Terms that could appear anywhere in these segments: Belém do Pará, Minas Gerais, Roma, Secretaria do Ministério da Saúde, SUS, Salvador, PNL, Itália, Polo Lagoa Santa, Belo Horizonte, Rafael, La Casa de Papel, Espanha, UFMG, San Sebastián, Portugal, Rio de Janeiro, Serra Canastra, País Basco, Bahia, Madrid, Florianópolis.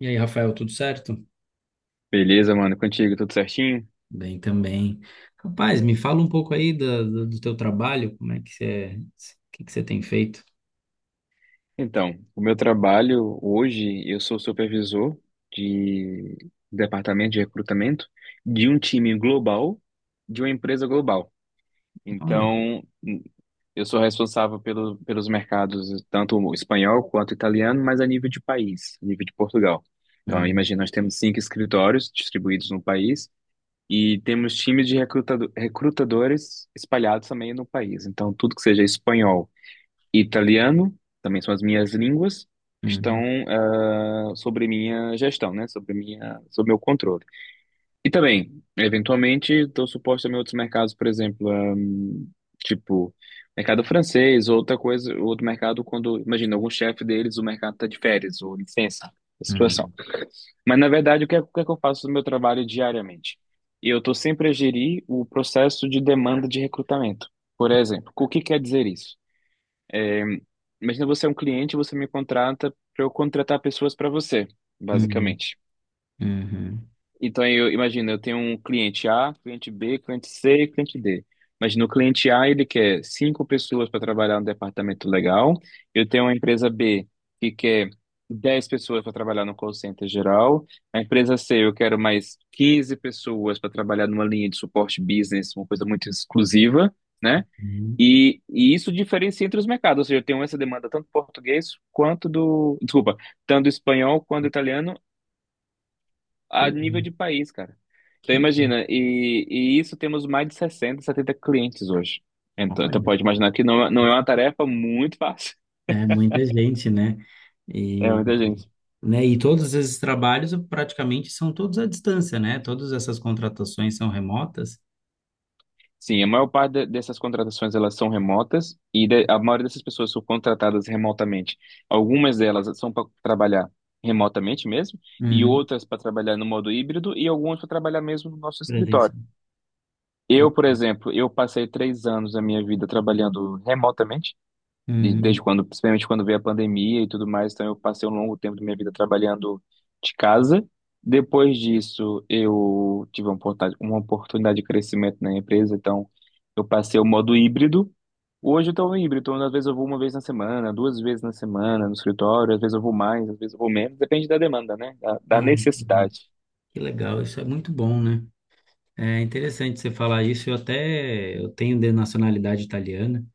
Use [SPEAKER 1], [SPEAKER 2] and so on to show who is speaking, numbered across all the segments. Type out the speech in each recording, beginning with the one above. [SPEAKER 1] E aí, Rafael, tudo certo?
[SPEAKER 2] Beleza, mano, contigo, tudo certinho?
[SPEAKER 1] Bem também. Rapaz, me fala um pouco aí do teu trabalho, como é que você, o que você tem feito?
[SPEAKER 2] Então, o meu trabalho hoje, eu sou supervisor de departamento de recrutamento de um time global, de uma empresa global.
[SPEAKER 1] Olha.
[SPEAKER 2] Então, eu sou responsável pelos mercados, tanto o espanhol quanto o italiano, mas a nível de país, a nível de Portugal. Então,
[SPEAKER 1] Uhum,
[SPEAKER 2] imagina, nós temos cinco escritórios distribuídos no país e temos times de recrutadores espalhados também no país. Então, tudo que seja espanhol e italiano, também são as minhas línguas, estão
[SPEAKER 1] uhum,
[SPEAKER 2] sobre minha gestão, né? Sobre minha, sobre meu controle. E também, eventualmente, estou suposto também a outros mercados, por exemplo, tipo mercado francês, ou outra coisa, outro mercado quando, imagina, algum chefe deles, o mercado está de férias ou licença, a situação.
[SPEAKER 1] uhum,
[SPEAKER 2] Mas na verdade, o que é que eu faço no meu trabalho diariamente? Eu estou sempre a gerir o processo de demanda de recrutamento. Por exemplo, o que quer dizer isso? Imagina, você é um cliente, você me contrata para eu contratar pessoas para você,
[SPEAKER 1] uhum,
[SPEAKER 2] basicamente.
[SPEAKER 1] uhum,
[SPEAKER 2] Então eu imagino, eu tenho um cliente A, cliente B, cliente C e cliente D. Imagina, o cliente A, ele quer cinco pessoas para trabalhar no departamento legal. Eu tenho uma empresa B que quer 10 pessoas para trabalhar no call center geral. A empresa C, eu quero mais 15 pessoas para trabalhar numa linha de suporte business, uma coisa muito exclusiva, né?
[SPEAKER 1] uhum.
[SPEAKER 2] E isso diferencia entre os mercados, ou seja, eu tenho essa demanda tanto do português quanto do, desculpa, tanto do espanhol quanto do italiano
[SPEAKER 1] Que
[SPEAKER 2] a nível
[SPEAKER 1] legal,
[SPEAKER 2] de país, cara. Então
[SPEAKER 1] que legal.
[SPEAKER 2] imagina, e isso temos mais de 60, 70 clientes hoje. Então
[SPEAKER 1] Olha,
[SPEAKER 2] pode imaginar que não, não é uma tarefa muito fácil.
[SPEAKER 1] é muita gente, né?
[SPEAKER 2] É
[SPEAKER 1] E,
[SPEAKER 2] muita gente.
[SPEAKER 1] né, e todos esses trabalhos praticamente são todos à distância, né? Todas essas contratações são remotas.
[SPEAKER 2] Sim, a maior parte dessas contratações elas são remotas e a maioria dessas pessoas são contratadas remotamente. Algumas delas são para trabalhar remotamente mesmo e
[SPEAKER 1] Uhum,
[SPEAKER 2] outras para trabalhar no modo híbrido e algumas para trabalhar mesmo no nosso escritório.
[SPEAKER 1] presencial.
[SPEAKER 2] Eu,
[SPEAKER 1] Uhum,
[SPEAKER 2] por exemplo, eu passei 3 anos da minha vida trabalhando remotamente
[SPEAKER 1] uhum.
[SPEAKER 2] desde quando, principalmente quando veio a pandemia e tudo mais, então eu passei um longo tempo da minha vida trabalhando de casa. Depois disso, eu tive uma oportunidade de crescimento na empresa, então eu passei o modo híbrido. Hoje eu estou híbrido, então às vezes eu vou uma vez na semana, duas vezes na semana no escritório, às vezes eu vou mais, às vezes eu vou menos, depende da demanda, né? Da
[SPEAKER 1] Uhum.
[SPEAKER 2] necessidade.
[SPEAKER 1] Que legal, isso é muito bom, né? É interessante você falar isso. Eu até eu tenho de nacionalidade italiana,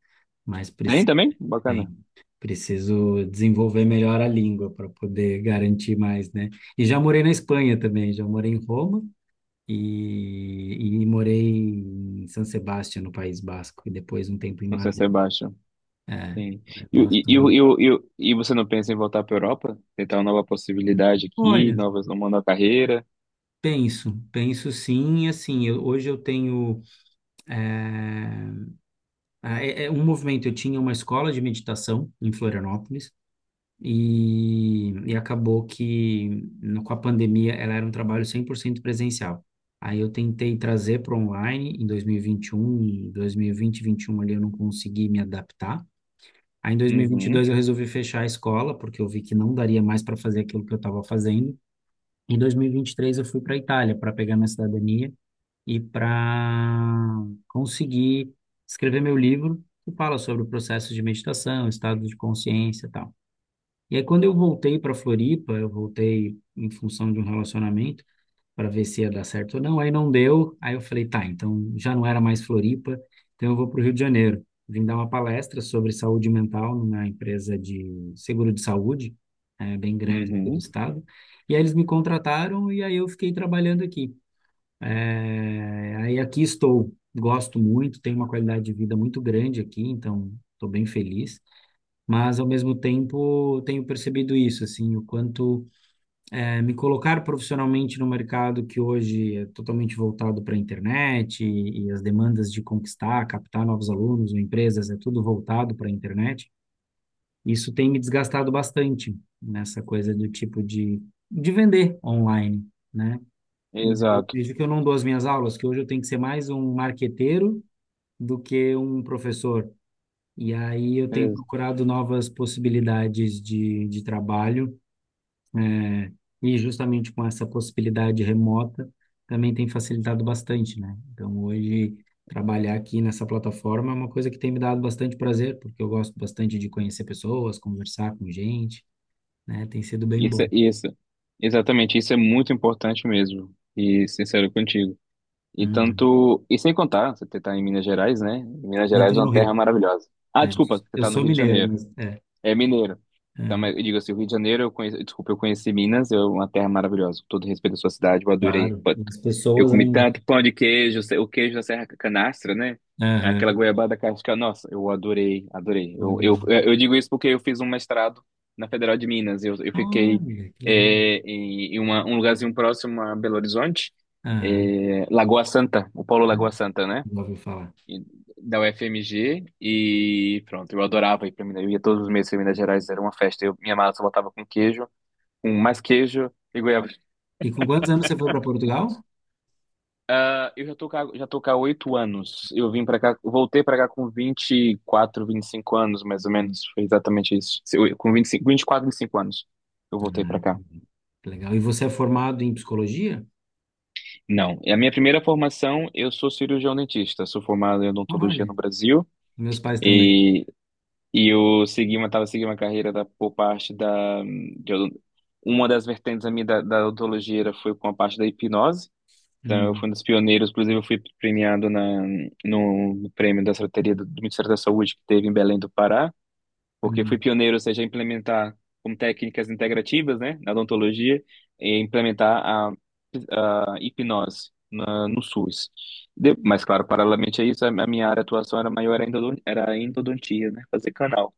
[SPEAKER 1] mas
[SPEAKER 2] Tem
[SPEAKER 1] preciso,
[SPEAKER 2] também? Bacana.
[SPEAKER 1] bem, preciso desenvolver melhor a língua para poder garantir mais, né? E já morei na Espanha também, já morei em Roma e, e morei em San Sebastián, no País Basco, e depois um tempo em
[SPEAKER 2] Não sei se
[SPEAKER 1] Madrid.
[SPEAKER 2] é baixo.
[SPEAKER 1] É,
[SPEAKER 2] Sim.
[SPEAKER 1] eu
[SPEAKER 2] E,
[SPEAKER 1] gosto
[SPEAKER 2] e, e,
[SPEAKER 1] muito.
[SPEAKER 2] e, e e você não pensa em voltar para a Europa? Tentar uma nova possibilidade aqui,
[SPEAKER 1] Olha,
[SPEAKER 2] novas, uma nova carreira?
[SPEAKER 1] penso, penso sim, e assim, hoje eu tenho é, um movimento. Eu tinha uma escola de meditação em Florianópolis e acabou que com a pandemia ela era um trabalho 100% presencial. Aí eu tentei trazer para online em 2021, 2020, 21 ali eu não consegui me adaptar. Aí em 2022
[SPEAKER 2] Uhum,
[SPEAKER 1] eu resolvi fechar a escola porque eu vi que não daria mais para fazer aquilo que eu estava fazendo. Em 2023 eu fui para a Itália para pegar minha cidadania e para conseguir escrever meu livro que fala sobre o processo de meditação, estado de consciência e tal. E aí, quando eu voltei para Floripa, eu voltei em função de um relacionamento para ver se ia dar certo ou não. Aí não deu. Aí eu falei, tá, então já não era mais Floripa, então eu vou para o Rio de Janeiro. Vim dar uma palestra sobre saúde mental numa empresa de seguro de saúde, é, bem grande do
[SPEAKER 2] uhum.
[SPEAKER 1] estado. E aí eles me contrataram e aí eu fiquei trabalhando aqui. É, aí aqui estou. Gosto muito, tenho uma qualidade de vida muito grande aqui, então estou bem feliz. Mas, ao mesmo tempo, tenho percebido isso, assim, o quanto me colocar profissionalmente no mercado que hoje é totalmente voltado para a internet e as demandas de conquistar, captar novos alunos ou empresas, é tudo voltado para a internet. Isso tem me desgastado bastante nessa coisa do tipo de vender online, né? E eu
[SPEAKER 2] Exato.
[SPEAKER 1] vejo que eu não dou as minhas aulas, que hoje eu tenho que ser mais um marqueteiro do que um professor e aí eu tenho
[SPEAKER 2] Ex-
[SPEAKER 1] procurado novas possibilidades de trabalho, né? E justamente com essa possibilidade remota também tem facilitado bastante, né? Então hoje trabalhar aqui nessa plataforma é uma coisa que tem me dado bastante prazer, porque eu gosto bastante de conhecer pessoas, conversar com gente, né? Tem sido bem
[SPEAKER 2] Isso,
[SPEAKER 1] bom.
[SPEAKER 2] isso. Exatamente, isso é muito importante mesmo. E sincero contigo. E
[SPEAKER 1] Uhum.
[SPEAKER 2] tanto, e sem contar, você está em Minas Gerais, né? Minas
[SPEAKER 1] Eu
[SPEAKER 2] Gerais é
[SPEAKER 1] estou no
[SPEAKER 2] uma terra
[SPEAKER 1] Rio.
[SPEAKER 2] maravilhosa. Ah,
[SPEAKER 1] É.
[SPEAKER 2] desculpa, você
[SPEAKER 1] Eu
[SPEAKER 2] está no
[SPEAKER 1] sou
[SPEAKER 2] Rio de
[SPEAKER 1] mineiro,
[SPEAKER 2] Janeiro.
[SPEAKER 1] mas é.
[SPEAKER 2] É mineiro. Então, mas
[SPEAKER 1] Uhum.
[SPEAKER 2] eu digo assim, o Rio de Janeiro, eu conheci, desculpa, eu conheci Minas, é uma terra maravilhosa. Com todo respeito à sua cidade, eu adorei.
[SPEAKER 1] Claro,
[SPEAKER 2] Pô,
[SPEAKER 1] as
[SPEAKER 2] eu
[SPEAKER 1] pessoas
[SPEAKER 2] comi
[SPEAKER 1] ainda.
[SPEAKER 2] tanto pão de queijo, o queijo da Serra Canastra, né? Aquela
[SPEAKER 1] Aham,
[SPEAKER 2] goiabada casca, nossa, eu adorei, adorei.
[SPEAKER 1] bom
[SPEAKER 2] Eu,
[SPEAKER 1] demais.
[SPEAKER 2] eu, eu digo isso porque eu fiz um mestrado na Federal de Minas. Eu fiquei
[SPEAKER 1] Olha, que legal.
[SPEAKER 2] em, um lugarzinho próximo a Belo Horizonte,
[SPEAKER 1] Aham,
[SPEAKER 2] Lagoa Santa, o Polo Lagoa Santa, né?
[SPEAKER 1] já ouviu falar.
[SPEAKER 2] e- Da UFMG, e pronto, eu adorava ir para Minas, eu ia todos os meses para Minas Gerais, era uma festa. Eu, minha massa eu botava com queijo, com mais queijo e goiaba.
[SPEAKER 1] E com quantos anos você foi para Portugal?
[SPEAKER 2] Ah, eu já tô cá, há 8 anos. Eu vim para cá, voltei para cá com vinte vinte e quatro vinte e cinco anos, mais ou menos. Foi exatamente isso. Com 25, 24 25 anos. Eu voltei
[SPEAKER 1] Ah,
[SPEAKER 2] para cá.
[SPEAKER 1] que legal. E você é formado em psicologia?
[SPEAKER 2] Não, é a minha primeira formação, eu sou cirurgião dentista. Sou formado em odontologia no
[SPEAKER 1] Olha,
[SPEAKER 2] Brasil.
[SPEAKER 1] meus pais também.
[SPEAKER 2] E E eu segui uma, tava seguindo uma carreira da, por parte da. Uma das vertentes da minha da odontologia foi com a parte da hipnose. Então, eu
[SPEAKER 1] Uhum,
[SPEAKER 2] fui um dos pioneiros, inclusive, eu fui premiado na, no prêmio da Secretaria do, do Ministério da Saúde, que teve em Belém do Pará, porque fui
[SPEAKER 1] uhum,
[SPEAKER 2] pioneiro, ou seja, a implementar como técnicas integrativas, né, na odontologia, e implementar a hipnose na, no SUS. Mas, claro, paralelamente a isso, a minha área de atuação era maior, era endodontia, né, fazer canal.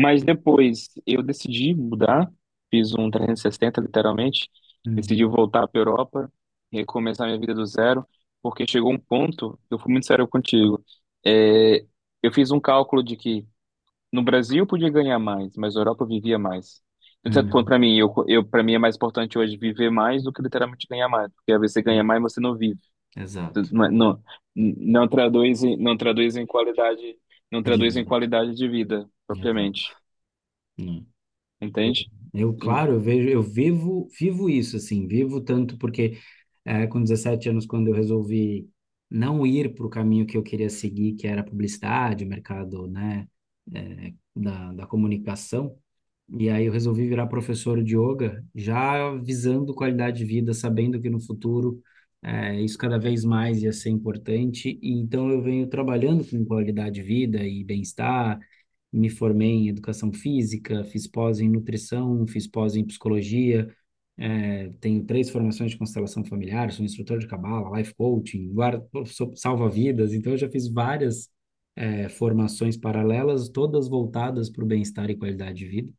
[SPEAKER 2] Mas depois eu decidi mudar, fiz um 360 literalmente, decidi
[SPEAKER 1] uhum,
[SPEAKER 2] voltar para Europa, recomeçar minha vida do zero, porque chegou um ponto, eu fui muito sério contigo, é, eu fiz um cálculo de que no Brasil eu podia ganhar mais, mas na Europa eu vivia mais. Então, de certo ponto,
[SPEAKER 1] uhum,
[SPEAKER 2] para mim, para mim é mais importante hoje viver mais do que literalmente ganhar mais, porque às vezes você ganha
[SPEAKER 1] uhum.
[SPEAKER 2] mais, você não vive. Então,
[SPEAKER 1] Exato.
[SPEAKER 2] não, não, não traduz, não traduz em qualidade, não
[SPEAKER 1] De
[SPEAKER 2] traduz em
[SPEAKER 1] vida.
[SPEAKER 2] qualidade de vida,
[SPEAKER 1] Exato.
[SPEAKER 2] propriamente.
[SPEAKER 1] Hum. Eu,
[SPEAKER 2] Entende? Em-
[SPEAKER 1] claro, eu vejo, vivo isso, assim, vivo tanto porque com 17 anos, quando eu resolvi não ir para o caminho que eu queria seguir, que era a publicidade, o mercado, né, da comunicação, e aí eu resolvi virar professor de yoga, já visando qualidade de vida, sabendo que no futuro isso cada vez mais ia ser importante. E então eu venho trabalhando com qualidade de vida e bem-estar. Me formei em educação física, fiz pós em nutrição, fiz pós em psicologia, tenho três formações de constelação familiar, sou instrutor de cabala, life coaching, guarda, sou salva-vidas. Então eu já fiz várias formações paralelas, todas voltadas para o bem-estar e qualidade de vida.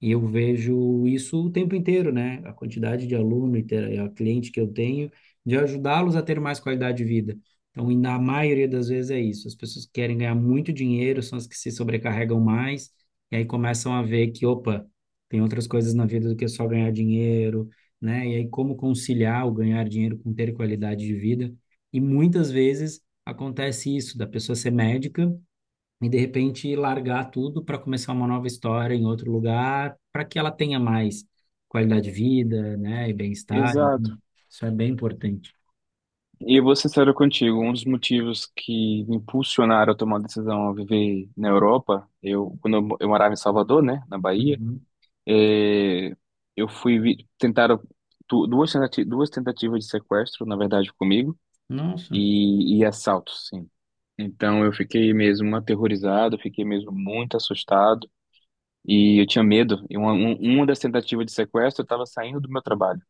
[SPEAKER 1] E eu vejo isso o tempo inteiro, né? A quantidade de aluno e a cliente que eu tenho, de ajudá-los a ter mais qualidade de vida. Então, e na maioria das vezes é isso. As pessoas que querem ganhar muito dinheiro, são as que se sobrecarregam mais, e aí começam a ver que, opa, tem outras coisas na vida do que só ganhar dinheiro, né? E aí como conciliar o ganhar dinheiro com ter qualidade de vida. E muitas vezes acontece isso, da pessoa ser médica e de repente largar tudo para começar uma nova história em outro lugar, para que ela tenha mais qualidade de vida, né, e bem-estar. Então,
[SPEAKER 2] Exato.
[SPEAKER 1] isso é bem importante.
[SPEAKER 2] E eu vou ser sincero contigo, um dos motivos que me impulsionaram a tomar a decisão a viver na Europa, eu quando eu, eu morava em Salvador, né, na Bahia,
[SPEAKER 1] Uhum.
[SPEAKER 2] eh, eu tentaram duas duas tentativas de sequestro, na verdade, comigo
[SPEAKER 1] Nossa.
[SPEAKER 2] e assaltos, sim. Então eu fiquei mesmo aterrorizado, fiquei mesmo muito assustado e eu tinha medo. E uma, uma das tentativas de sequestro, eu estava saindo do meu trabalho.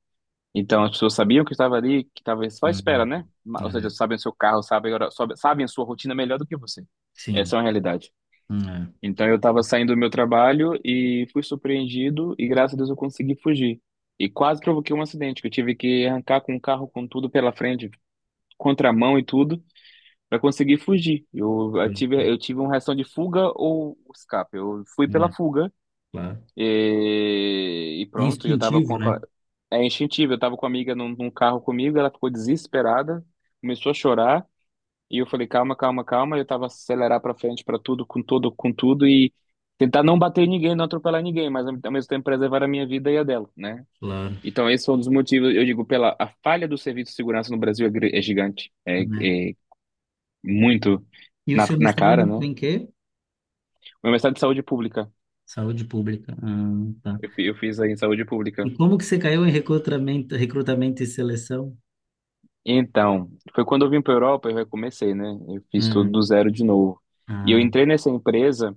[SPEAKER 2] Então, as pessoas sabiam que estava ali, que estava só à espera,
[SPEAKER 1] Uhum.
[SPEAKER 2] né? Ou seja,
[SPEAKER 1] É,
[SPEAKER 2] sabem o seu carro, sabem, sabem a sua rotina melhor do que você. Essa é
[SPEAKER 1] sim.
[SPEAKER 2] uma realidade.
[SPEAKER 1] É.
[SPEAKER 2] Então, eu estava saindo do meu trabalho e fui surpreendido e, graças a Deus, eu consegui fugir. E quase provoquei um acidente, que eu tive que arrancar com o carro com tudo pela frente, contramão e tudo, para conseguir fugir. Eu, eu
[SPEAKER 1] Eu-
[SPEAKER 2] tive, eu tive uma reação de fuga ou escape. Eu fui pela
[SPEAKER 1] né,
[SPEAKER 2] fuga
[SPEAKER 1] claro.
[SPEAKER 2] e
[SPEAKER 1] É
[SPEAKER 2] pronto, eu tava com
[SPEAKER 1] instintivo,
[SPEAKER 2] a,
[SPEAKER 1] né?
[SPEAKER 2] é instintivo, eu tava com a amiga num, carro comigo, ela ficou desesperada, começou a chorar, e eu falei: calma, calma, calma, e eu tava acelerar pra frente pra tudo, com tudo, com tudo, e tentar não bater em ninguém, não atropelar ninguém, mas ao mesmo tempo preservar a minha vida e a dela, né?
[SPEAKER 1] Claro.
[SPEAKER 2] Então esse foi um dos motivos, eu digo, pela a falha do serviço de segurança no Brasil é gigante, é,
[SPEAKER 1] Né?
[SPEAKER 2] é muito
[SPEAKER 1] E o
[SPEAKER 2] na,
[SPEAKER 1] seu
[SPEAKER 2] na cara,
[SPEAKER 1] mestrado
[SPEAKER 2] né?
[SPEAKER 1] tem
[SPEAKER 2] O
[SPEAKER 1] em quê?
[SPEAKER 2] meu mestrado de saúde pública,
[SPEAKER 1] Saúde pública. Ah, tá.
[SPEAKER 2] eu fiz aí em saúde
[SPEAKER 1] E
[SPEAKER 2] pública.
[SPEAKER 1] como que você caiu em recrutamento, recrutamento e seleção?
[SPEAKER 2] Então, foi quando eu vim para Europa, eu recomecei, né? Eu fiz tudo
[SPEAKER 1] Uhum.
[SPEAKER 2] do zero de novo. E eu
[SPEAKER 1] Ah,
[SPEAKER 2] entrei nessa empresa,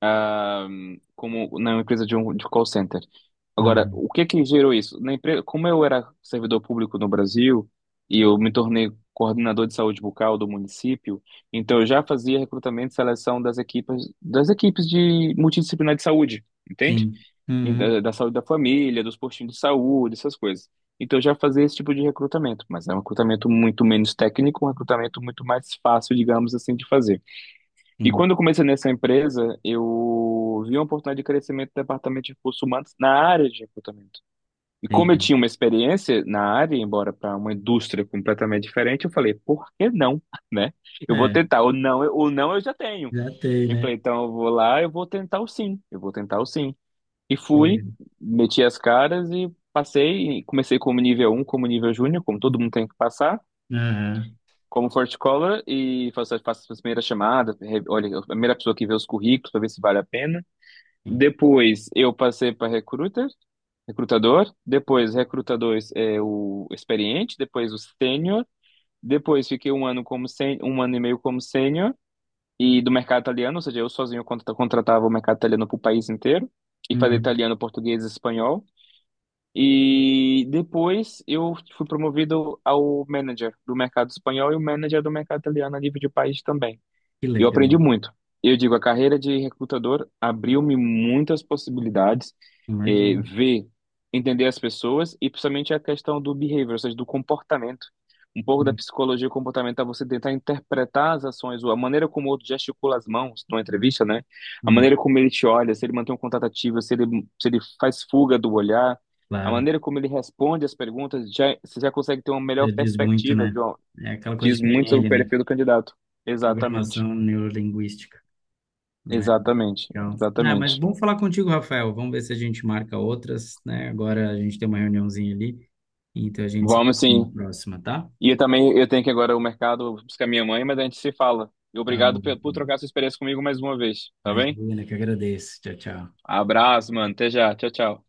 [SPEAKER 2] ah, como na empresa de um de call center. Agora,
[SPEAKER 1] uhum.
[SPEAKER 2] o que que gerou isso? Na empresa, como eu era servidor público no Brasil e eu me tornei coordenador de saúde bucal do município, então eu já fazia recrutamento e seleção das equipes de multidisciplinar de saúde, entende?
[SPEAKER 1] Sim.
[SPEAKER 2] E
[SPEAKER 1] Uhum.
[SPEAKER 2] da saúde da família, dos postinhos de saúde, essas coisas. Então eu já fazia esse tipo de recrutamento, mas é um recrutamento muito menos técnico, um recrutamento muito mais fácil, digamos assim, de fazer. E quando
[SPEAKER 1] Sim.
[SPEAKER 2] eu comecei nessa empresa, eu vi uma oportunidade de crescimento do departamento de recursos humanos na área de recrutamento. E como eu
[SPEAKER 1] Entendi.
[SPEAKER 2] tinha uma experiência na área, embora para uma indústria completamente diferente, eu falei: por que não? Né? Eu vou
[SPEAKER 1] É.
[SPEAKER 2] tentar, ou não, ou não eu já tenho.
[SPEAKER 1] Já tem,
[SPEAKER 2] Eu falei,
[SPEAKER 1] né?
[SPEAKER 2] então eu vou lá, eu vou tentar o sim, eu vou tentar o sim. E
[SPEAKER 1] Que
[SPEAKER 2] fui,
[SPEAKER 1] legal.
[SPEAKER 2] meti as caras e passei. E comecei como nível um, como nível júnior, como todo mundo tem que passar,
[SPEAKER 1] Aham.
[SPEAKER 2] como Forte Collar, e faço, as primeiras chamadas. Olha, a primeira pessoa que vê os currículos para ver se vale a pena.
[SPEAKER 1] Sim.
[SPEAKER 2] Depois eu passei para recruiter, recrutador. Depois, recrutador é o experiente. Depois, o sênior. Depois, fiquei um ano e meio como sênior. E do mercado italiano, ou seja, eu sozinho contratava o mercado italiano para o país inteiro e fazer
[SPEAKER 1] Uhum.
[SPEAKER 2] italiano, português e espanhol. E depois eu fui promovido ao manager do mercado espanhol e o manager do mercado italiano a nível de país também.
[SPEAKER 1] Que
[SPEAKER 2] Eu aprendi
[SPEAKER 1] legal.
[SPEAKER 2] muito. Eu digo, a carreira de recrutador abriu-me muitas possibilidades,
[SPEAKER 1] Imagina.
[SPEAKER 2] ver, entender as pessoas e principalmente a questão do behavior, ou seja, do comportamento. Um pouco da
[SPEAKER 1] Hum,
[SPEAKER 2] psicologia comportamental, você tentar interpretar as ações, ou a maneira como o outro gesticula as mãos numa entrevista, né? A
[SPEAKER 1] hum,
[SPEAKER 2] maneira como ele te olha, se ele mantém um contato ativo, se ele faz fuga do olhar, a
[SPEAKER 1] Claro.
[SPEAKER 2] maneira como ele responde as perguntas, já, você já consegue ter uma melhor
[SPEAKER 1] Já diz muito,
[SPEAKER 2] perspectiva,
[SPEAKER 1] né?
[SPEAKER 2] de, ó,
[SPEAKER 1] É aquela coisa
[SPEAKER 2] diz
[SPEAKER 1] de
[SPEAKER 2] muito sobre o
[SPEAKER 1] PNL, né?
[SPEAKER 2] perfil do candidato. Exatamente.
[SPEAKER 1] Programação neurolinguística, né?
[SPEAKER 2] Exatamente,
[SPEAKER 1] Legal. Ah, mas
[SPEAKER 2] exatamente.
[SPEAKER 1] bom falar contigo, Rafael. Vamos ver se a gente marca outras, né? Agora a gente tem uma reuniãozinha ali, então a gente se
[SPEAKER 2] Vamos
[SPEAKER 1] vê na
[SPEAKER 2] sim.
[SPEAKER 1] próxima, tá?
[SPEAKER 2] E eu também eu tenho que ir agora ao mercado buscar minha mãe, mas a gente se fala. E
[SPEAKER 1] Tá
[SPEAKER 2] obrigado
[SPEAKER 1] bom.
[SPEAKER 2] por trocar sua experiência comigo mais uma vez, tá bem?
[SPEAKER 1] Imagina, que agradeço. Tchau, tchau.
[SPEAKER 2] Abraço, mano. Até já. Tchau, tchau.